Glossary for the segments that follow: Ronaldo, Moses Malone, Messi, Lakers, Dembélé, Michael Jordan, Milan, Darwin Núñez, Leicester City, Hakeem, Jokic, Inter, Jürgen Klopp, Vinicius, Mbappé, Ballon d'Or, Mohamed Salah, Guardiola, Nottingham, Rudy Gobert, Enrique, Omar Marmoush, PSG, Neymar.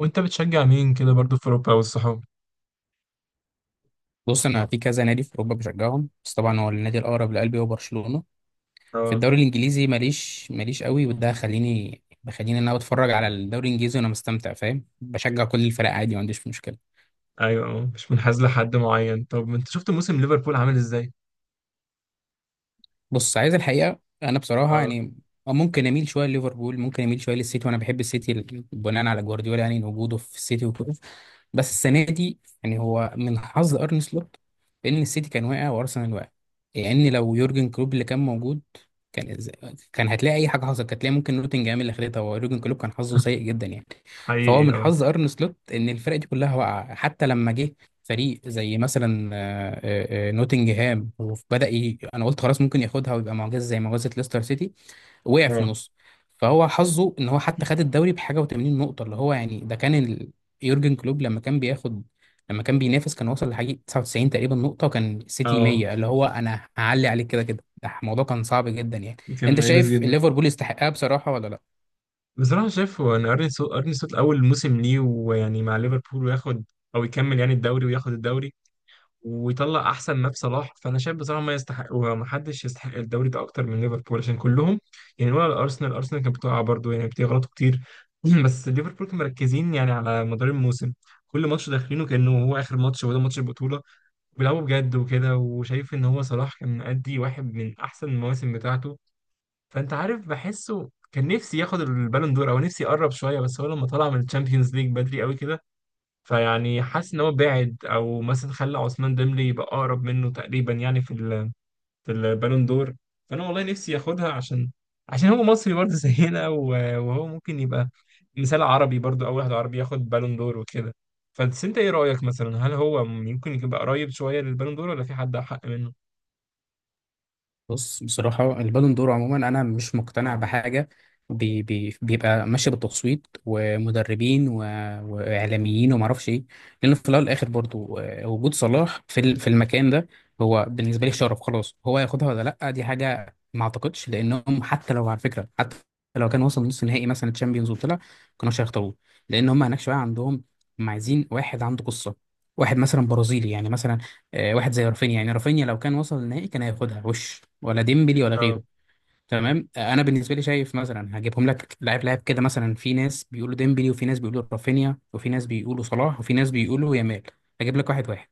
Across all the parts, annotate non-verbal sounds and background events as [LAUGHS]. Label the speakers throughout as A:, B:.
A: وانت بتشجع مين كده برضو في اوروبا والصحاب.
B: بص، انا في كذا نادي في اوروبا بشجعهم. بس طبعا هو النادي الاقرب لقلبي هو برشلونه. في
A: اه.
B: الدوري الانجليزي ماليش قوي، وده بخليني ان انا بتفرج على الدوري الانجليزي وانا مستمتع، فاهم، بشجع كل الفرق عادي، ما عنديش مشكله.
A: ايوه، مش منحاز لحد معين. طب انت شفت موسم ليفربول عامل ازاي؟
B: بص، عايز الحقيقه انا بصراحه
A: اه.
B: يعني ممكن اميل شويه لليفربول، ممكن اميل شويه للسيتي، وانا بحب السيتي بناء على جوارديولا، يعني وجوده في السيتي وكده. بس السنه دي يعني هو من حظ ارني سلوت ان السيتي كان واقع وارسنال واقع، يعني لو يورجن كلوب اللي كان موجود كان إز- كان هتلاقي اي حاجه حصلت، كانت هتلاقي ممكن نوتنجهام اللي خدتها، ويورجن كلوب كان حظه سيء
A: [LAUGHS]
B: جدا يعني. فهو
A: حقيقي
B: من
A: اه.
B: حظ ارن سلوت ان الفرق دي كلها واقعه، حتى لما جه فريق زي مثلا نوتنجهام، انا قلت خلاص ممكن ياخدها ويبقى معجزه زي معجزه ليستر سيتي. وقع في
A: اه
B: النص. فهو حظه ان هو حتى خد الدوري بحاجه و80 نقطه، اللي هو يعني ده كان يورجن كلوب لما كان بينافس كان وصل لحاجه 99 تقريبا نقطه، وكان السيتي
A: اه
B: 100، اللي هو انا هعلي عليك كده كده، ده الموضوع كان صعب جدا يعني.
A: كان
B: انت
A: مميز
B: شايف
A: جدا.
B: ليفربول يستحقها بصراحه ولا لا؟
A: بصراحة شايف هو ان ارني سلوت اول موسم ليه ويعني مع ليفربول وياخد، او يكمل يعني الدوري وياخد الدوري ويطلع احسن ما في صلاح. فانا شايف بصراحه ما يستحق ومحدش يستحق الدوري ده اكتر من ليفربول عشان كلهم يعني. ولا الارسنال كانت بتقع برضه، يعني بتغلطوا كتير. [CLEARS THROAT] بس ليفربول كانوا مركزين يعني على مدار الموسم، كل ماتش داخلينه كانه هو اخر ماتش وده ماتش البطوله. بيلعبوا بجد وكده، وشايف ان هو صلاح كان مأدي واحد من احسن المواسم بتاعته. فانت عارف، بحسه كان نفسي ياخد البالون دور، او نفسي يقرب شويه، بس هو لما طلع من الشامبيونز ليج بدري قوي كده، فيعني حاسس ان هو بعد، او مثلا خلى عثمان ديمبلي يبقى اقرب منه تقريبا يعني في في البالون دور. فانا والله نفسي ياخدها عشان، عشان هو مصري برضه [LAUGHS] زينا وهو ممكن يبقى مثال عربي برضه، اول واحد عربي ياخد بالون دور وكده. فبس انت ايه رايك مثلا، هل هو ممكن يبقى قريب شويه للبالون دور ولا في حد احق منه؟
B: بص، بصراحة البالون دور عموما أنا مش مقتنع بحاجة، بي بي بيبقى ماشي بالتصويت، ومدربين، وإعلاميين، ومعرفش إيه، لأن في الأول والآخر برضو، وجود صلاح في المكان ده هو بالنسبة لي شرف. خلاص هو ياخدها ولا لأ دي حاجة ما أعتقدش، لأنهم حتى لو، على فكرة، حتى لو كان وصل نص نهائي مثلا تشامبيونز وطلع كانوش هيختاروه، لأن هم هناك شوية، عندهم هم عايزين واحد عنده قصة، واحد مثلا برازيلي، يعني مثلا واحد زي رافينيا، يعني رافينيا لو كان وصل للنهائي كان هياخدها، وش ولا ديمبلي ولا
A: اه.
B: غيره. تمام. انا بالنسبه لي شايف، مثلا هجيبهم لك لاعب لاعب كده، مثلا في ناس بيقولوا ديمبلي، وفي ناس بيقولوا رافينيا، وفي ناس بيقولوا صلاح، وفي ناس بيقولوا يامال. هجيب لك واحد واحد.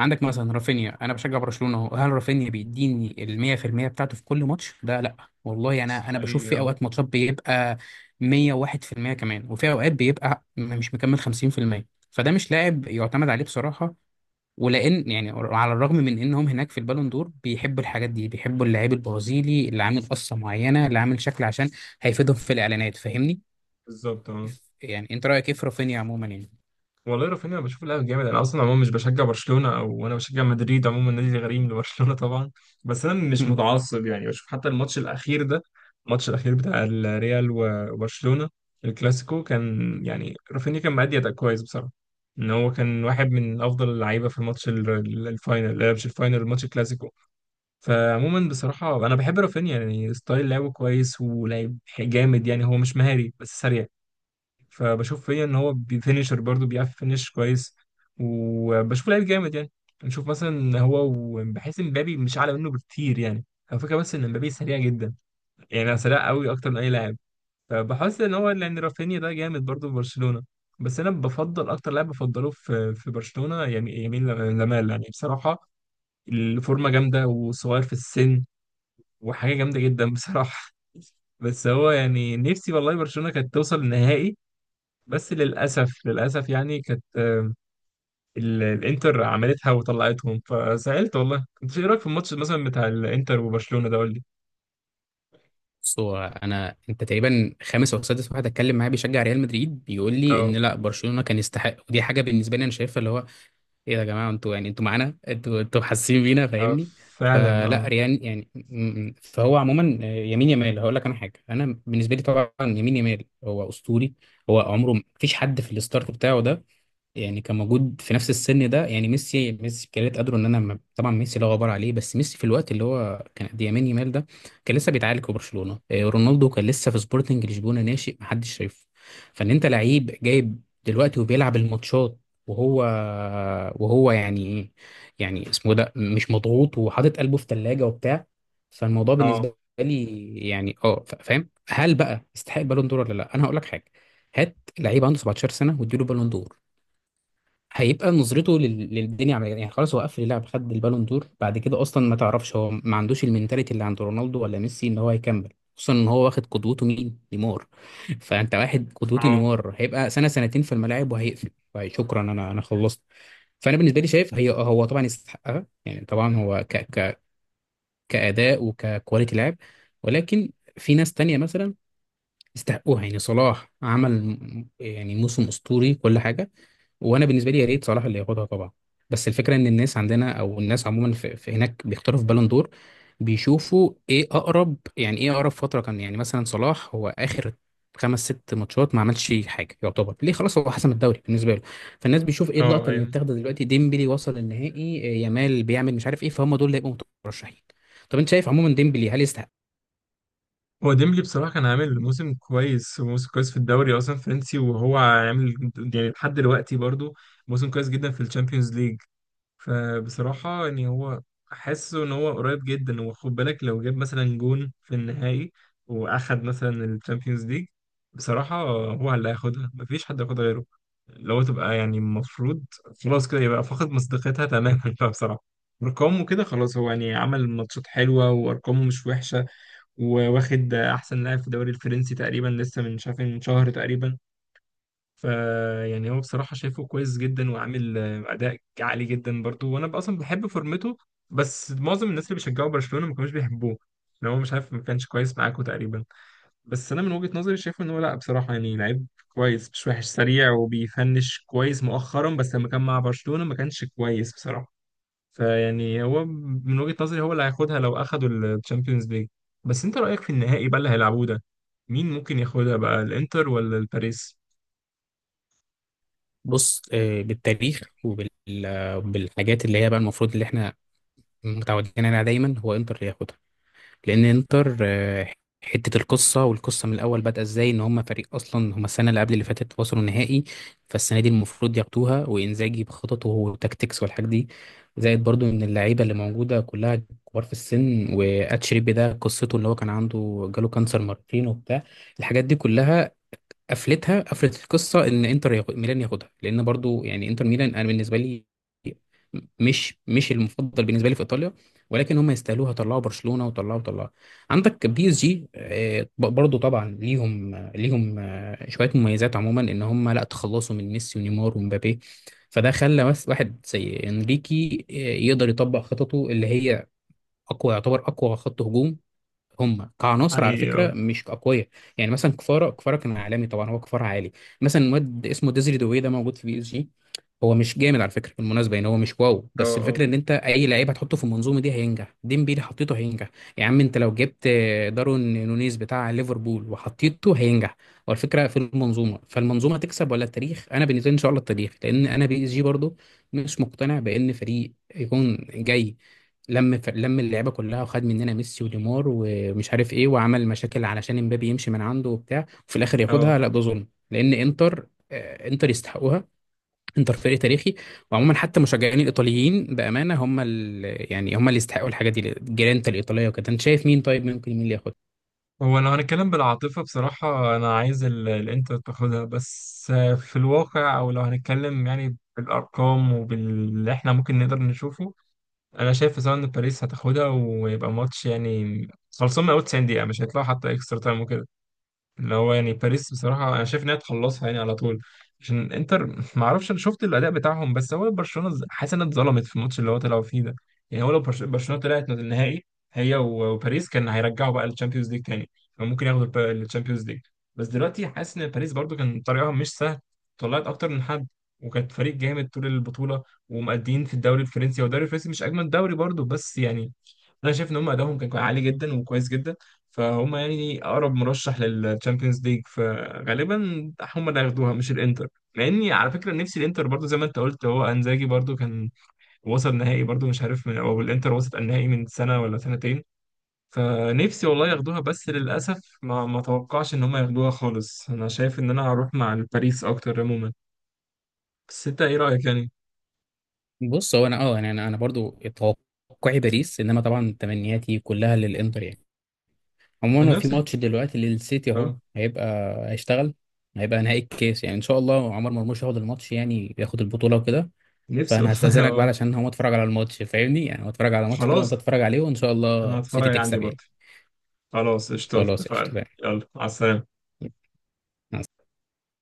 B: عندك مثلا رافينيا، انا بشجع برشلونه اهو، هل رافينيا بيديني ال 100% بتاعته في كل ماتش؟ ده لا، والله انا بشوف
A: حقيقي
B: في
A: اه.
B: اوقات ماتشات بيبقى 101% كمان، وفي اوقات بيبقى مش مكمل 50%. فده مش لاعب يعتمد عليه بصراحه، ولان يعني على الرغم من انهم هناك في البالون دور بيحبوا الحاجات دي، بيحبوا اللعيب البرازيلي اللي عامل قصه معينه، اللي عامل شكل عشان هيفيدهم في الاعلانات، فاهمني.
A: بالظبط اه.
B: يعني انت رايك ايه في رافينيا عموما يعني؟
A: والله رافينيا بشوف لاعب جامد. انا اصلا عموما مش بشجع برشلونه، او انا بشجع مدريد عموما، نادي غريم لبرشلونه طبعا. بس انا مش
B: مم.
A: متعصب يعني، بشوف حتى الماتش الاخير ده، الماتش الاخير بتاع الريال وبرشلونه الكلاسيكو، كان يعني رافينيا كان مأدي اداء كويس بصراحه. ان هو كان واحد من افضل اللعيبه في الماتش الفاينل، لا مش الفاينل، الماتش الكلاسيكو. فعموما بصراحه انا بحب رافينيا، يعني ستايل لعبه كويس ولاعب جامد، يعني هو مش مهاري بس سريع. فبشوف فيا ان هو بيفينشر برضه، بيعرف فينش كويس. وبشوف لعيب جامد يعني. نشوف مثلا هو، وبحس ان مبابي مش اعلى منه بكتير يعني. هو فكره بس ان مبابي سريع جدا، يعني سريع قوي اكتر من اي لاعب. فبحس ان هو يعني رافينيا ده جامد برضه في برشلونه. بس انا بفضل اكتر لاعب بفضله في برشلونه يعني يمين لمال يعني بصراحه. الفورمه جامده وصغير في السن، وحاجه جامده جدا بصراحه. بس هو يعني نفسي والله برشلونه كانت توصل النهائي، بس للأسف، للأسف يعني كانت، الإنتر عملتها وطلعتهم فزعلت والله كنت. إيه رأيك في الماتش مثلا بتاع الإنتر وبرشلونة ده قول لي؟
B: بص، هو انا انت تقريبا خامس او سادس واحد اتكلم معاه بيشجع ريال مدريد، بيقول لي
A: اه.
B: ان لا، برشلونه كان يستحق، ودي حاجه بالنسبه لي انا شايفها اللي هو، ايه ده يا جماعه؟ انتوا يعني، انتوا معانا، انتوا حاسين بينا،
A: اه
B: فاهمني.
A: فعلا
B: فلا
A: اه.
B: ريان يعني فهو عموما يمين يمال هقول لك انا حاجه. انا بالنسبه لي طبعا يمين يمال هو اسطوري، هو عمره ما فيش حد في الستارت بتاعه ده، يعني كان موجود في نفس السن ده. يعني ميسي كانت قادره ان طبعا ميسي لا غبار عليه، بس ميسي في الوقت اللي هو كان قد يمين يمال ده كان لسه بيتعالج في برشلونه. رونالدو كان لسه في سبورتنج لشبونه، ناشئ محدش شايفه. فان انت لعيب جايب دلوقتي وبيلعب الماتشات، وهو وهو يعني ايه، يعني اسمه ده مش مضغوط، وحاطط قلبه في ثلاجه وبتاع. فالموضوع
A: اه
B: بالنسبه لي يعني فاهم، هل بقى يستحق بالون دور ولا لا؟ انا هقول لك حاجه. هات لعيب عنده 17 سنه واديله بالون دور، هيبقى نظرته للدنيا عملية يعني، خلاص هو قفل اللعب، خد البالون دور بعد كده، اصلا ما تعرفش هو ما عندوش المنتاليتي اللي عند رونالدو ولا ميسي ان هو هيكمل، خصوصا ان هو واخد قدوته مين؟ نيمار. [LAUGHS] فانت واحد قدوته
A: اه
B: نيمار هيبقى سنة سنتين في الملاعب وهيقفل. طيب شكرا، انا خلصت. فانا بالنسبه لي شايف هو طبعا يستحقها، يعني طبعا هو ك ك كاداء وككواليتي لعب، ولكن في ناس تانية مثلا يستحقوها، يعني صلاح عمل يعني موسم اسطوري كل حاجه، وانا بالنسبه لي يا ريت صلاح اللي ياخدها طبعا. بس الفكره ان الناس عندنا او الناس عموما في هناك بيختاروا في بالون دور، بيشوفوا ايه اقرب، يعني ايه اقرب فتره كان. يعني مثلا صلاح هو اخر خمس ست ماتشات ما عملش حاجه، يعتبر ليه خلاص هو حسم الدوري بالنسبه له. فالناس بيشوف ايه
A: اه
B: اللقطه اللي
A: ايوه.
B: اتاخدت دلوقتي. ديمبلي وصل النهائي، يامال بيعمل مش عارف ايه، فهم دول اللي هيبقوا مترشحين. طب انت شايف عموما ديمبلي هل يستحق؟
A: هو ديمبلي بصراحة كان عامل موسم كويس، وموسم كويس في الدوري أصلا فرنسي، وهو عامل يعني لحد دلوقتي برضو موسم كويس جدا في الشامبيونز ليج. فبصراحة يعني هو حاسه إن هو قريب جدا. وخد بالك لو جاب مثلا جون في النهائي وأخد مثلا الشامبيونز ليج، بصراحة هو اللي هياخدها، مفيش حد هياخدها غيره. لو تبقى يعني المفروض، خلاص كده يبقى فقد مصداقيتها تماما [LAUGHS] بقى بصراحة. أرقامه كده خلاص، هو يعني عمل ماتشات حلوة وأرقامه مش وحشة، وواخد أحسن لاعب في الدوري الفرنسي تقريبا لسه من شاف من شهر تقريبا. فيعني هو بصراحة شايفه كويس جدا وعامل أداء عالي جدا برضه. وأنا بقى أصلا بحب فورمته، بس معظم الناس اللي بيشجعوا برشلونة ما كانوش بيحبوه، إن هو مش عارف، ما كانش كويس معاكوا تقريبا. بس أنا من وجهة نظري شايفه إن هو لأ، بصراحة يعني لعيب كويس مش وحش، سريع وبيفنش كويس مؤخرا، بس لما كان مع برشلونة ما كانش كويس بصراحة. فيعني هو من وجهة نظري هو اللي هياخدها لو أخدوا الشامبيونز ليج. بس أنت رأيك في النهائي بقى اللي هيلعبوه ده، مين ممكن ياخدها بقى الإنتر ولا الباريس؟
B: بص، بالتاريخ وبالحاجات اللي هي بقى المفروض اللي احنا متعودين عليها دايما، هو انتر اللي ياخدها، لان انتر حته القصه، والقصه من الاول بدأ ازاي، ان هم فريق، اصلا هم السنه اللي قبل اللي فاتت وصلوا نهائي. فالسنه دي المفروض ياخدوها، وانزاجي بخططه وتكتيكس والحاجات دي، زائد برضو ان اللعيبه اللي موجوده كلها كبار في السن، واتشيربي ده قصته اللي هو كان عنده، جاله كانسر مرتين وبتاع الحاجات دي كلها، قفلت القصه، ان ميلان ياخدها، لان برضو يعني انتر ميلان انا بالنسبه لي مش المفضل بالنسبه لي في ايطاليا، ولكن هم يستاهلوها، طلعوا برشلونه، وطلعوا. عندك بي اس جي، برضو طبعا ليهم ليهم شويه مميزات عموما، ان هم لا، تخلصوا من ميسي ونيمار ومبابي، فده خلى بس واحد زي انريكي يقدر يطبق خططه اللي هي اقوى، يعتبر اقوى خط هجوم. هم كعناصر على فكره
A: حقيقي
B: مش اقوياء، يعني مثلا كفاره كان عالمي، طبعا هو كفاره عالي. مثلا واد اسمه ديزري دوي ده موجود في بي اس جي، هو مش جامد على فكره بالمناسبه، يعني هو مش واو،
A: اه.
B: بس الفكره ان انت اي لعيب هتحطه في المنظومه دي هينجح. ديمبيلي حطيته هينجح، يا عم انت لو جبت دارون نونيز بتاع ليفربول وحطيته هينجح. هو الفكره في المنظومه، فالمنظومه تكسب ولا التاريخ؟ انا بالنسبه لي ان شاء الله التاريخ، لان انا بي اس جي برضو مش مقتنع بان فريق يكون جاي لم اللعيبه كلها، وخد مننا ميسي ونيمار ومش عارف ايه، وعمل مشاكل علشان امبابي يمشي من عنده وبتاع، وفي الاخر ياخدها؟ لا،
A: اه
B: ده ظلم، لان انتر يستحقوها. انتر فريق تاريخي. وعموما حتى مشجعين الايطاليين بامانه هم يعني هم اللي يستحقوا الحاجات دي، الجرينتا الايطاليه وكده. انت شايف مين؟ طيب ممكن مين اللي ياخدها؟
A: هو لو هنتكلم بالعاطفة بصراحة أنا عايز الإنتر تاخدها. بس في الواقع، أو لو هنتكلم يعني بالأرقام وباللي إحنا ممكن نقدر نشوفه، أنا شايف بصراحة إن باريس هتاخدها، ويبقى ماتش يعني خلصان من أول 90 دقيقة، مش هيطلعوا حتى إكسترا تايم وكده. اللي هو يعني باريس بصراحة أنا شايف إنها تخلصها يعني على طول، عشان إنتر [LAUGHS] ما أعرفش، أنا شفت الأداء بتاعهم. بس هو برشلونة حاسس إنها اتظلمت في الماتش اللي هو طلعوا فيه ده. يعني هو لو برشلونة طلعت النهائي هي وباريس، كان هيرجعوا بقى للتشامبيونز ليج تاني، فممكن ياخدوا التشامبيونز ليج. بس دلوقتي حاسس إن باريس برضو كان طريقها مش سهل، طلعت أكتر من حد، وكانت فريق جامد طول البطولة، ومأدين في الدوري الفرنسي. والدوري الفرنسي مش أجمل دوري برضو، بس يعني أنا شايف إن هم أدائهم كان عالي جدا وكويس جدا. فهم يعني اقرب مرشح للتشامبيونز ليج، فغالبا هم اللي هياخدوها مش الانتر. مع اني على فكره نفسي الانتر برضو، زي ما انت قلت هو انزاجي برضو كان وصل نهائي برضو، مش عارف من، او الانتر وصلت النهائي من سنه ولا سنتين. فنفسي والله ياخدوها، بس للاسف ما توقعش ان هم ياخدوها خالص. انا شايف ان انا هروح مع الباريس اكتر عموما، بس انت ايه رايك يعني؟
B: بص، هو انا يعني انا برضو توقعي باريس، انما طبعا تمنياتي كلها للانتر يعني. عموما هو
A: انا
B: في
A: نفسي.
B: ماتش دلوقتي للسيتي اهو،
A: اه.
B: هيشتغل هيبقى نهائي الكاس، يعني ان شاء الله عمر مرموش ياخد الماتش، يعني ياخد البطوله وكده.
A: نفسي والله
B: فانا
A: [LAUGHS]
B: هستاذنك بقى
A: اه.
B: علشان هو اتفرج على الماتش، فاهمني، يعني هو اتفرج على ماتش كده، وانت
A: خلاص
B: اتفرج عليه، وان شاء
A: انا
B: الله سيتي
A: هتفرج عندي
B: تكسب يعني.
A: برضو. خلاص قشطة،
B: خلاص،
A: اتفقنا.
B: قشطه.
A: يلا مع السلامه.
B: تمام.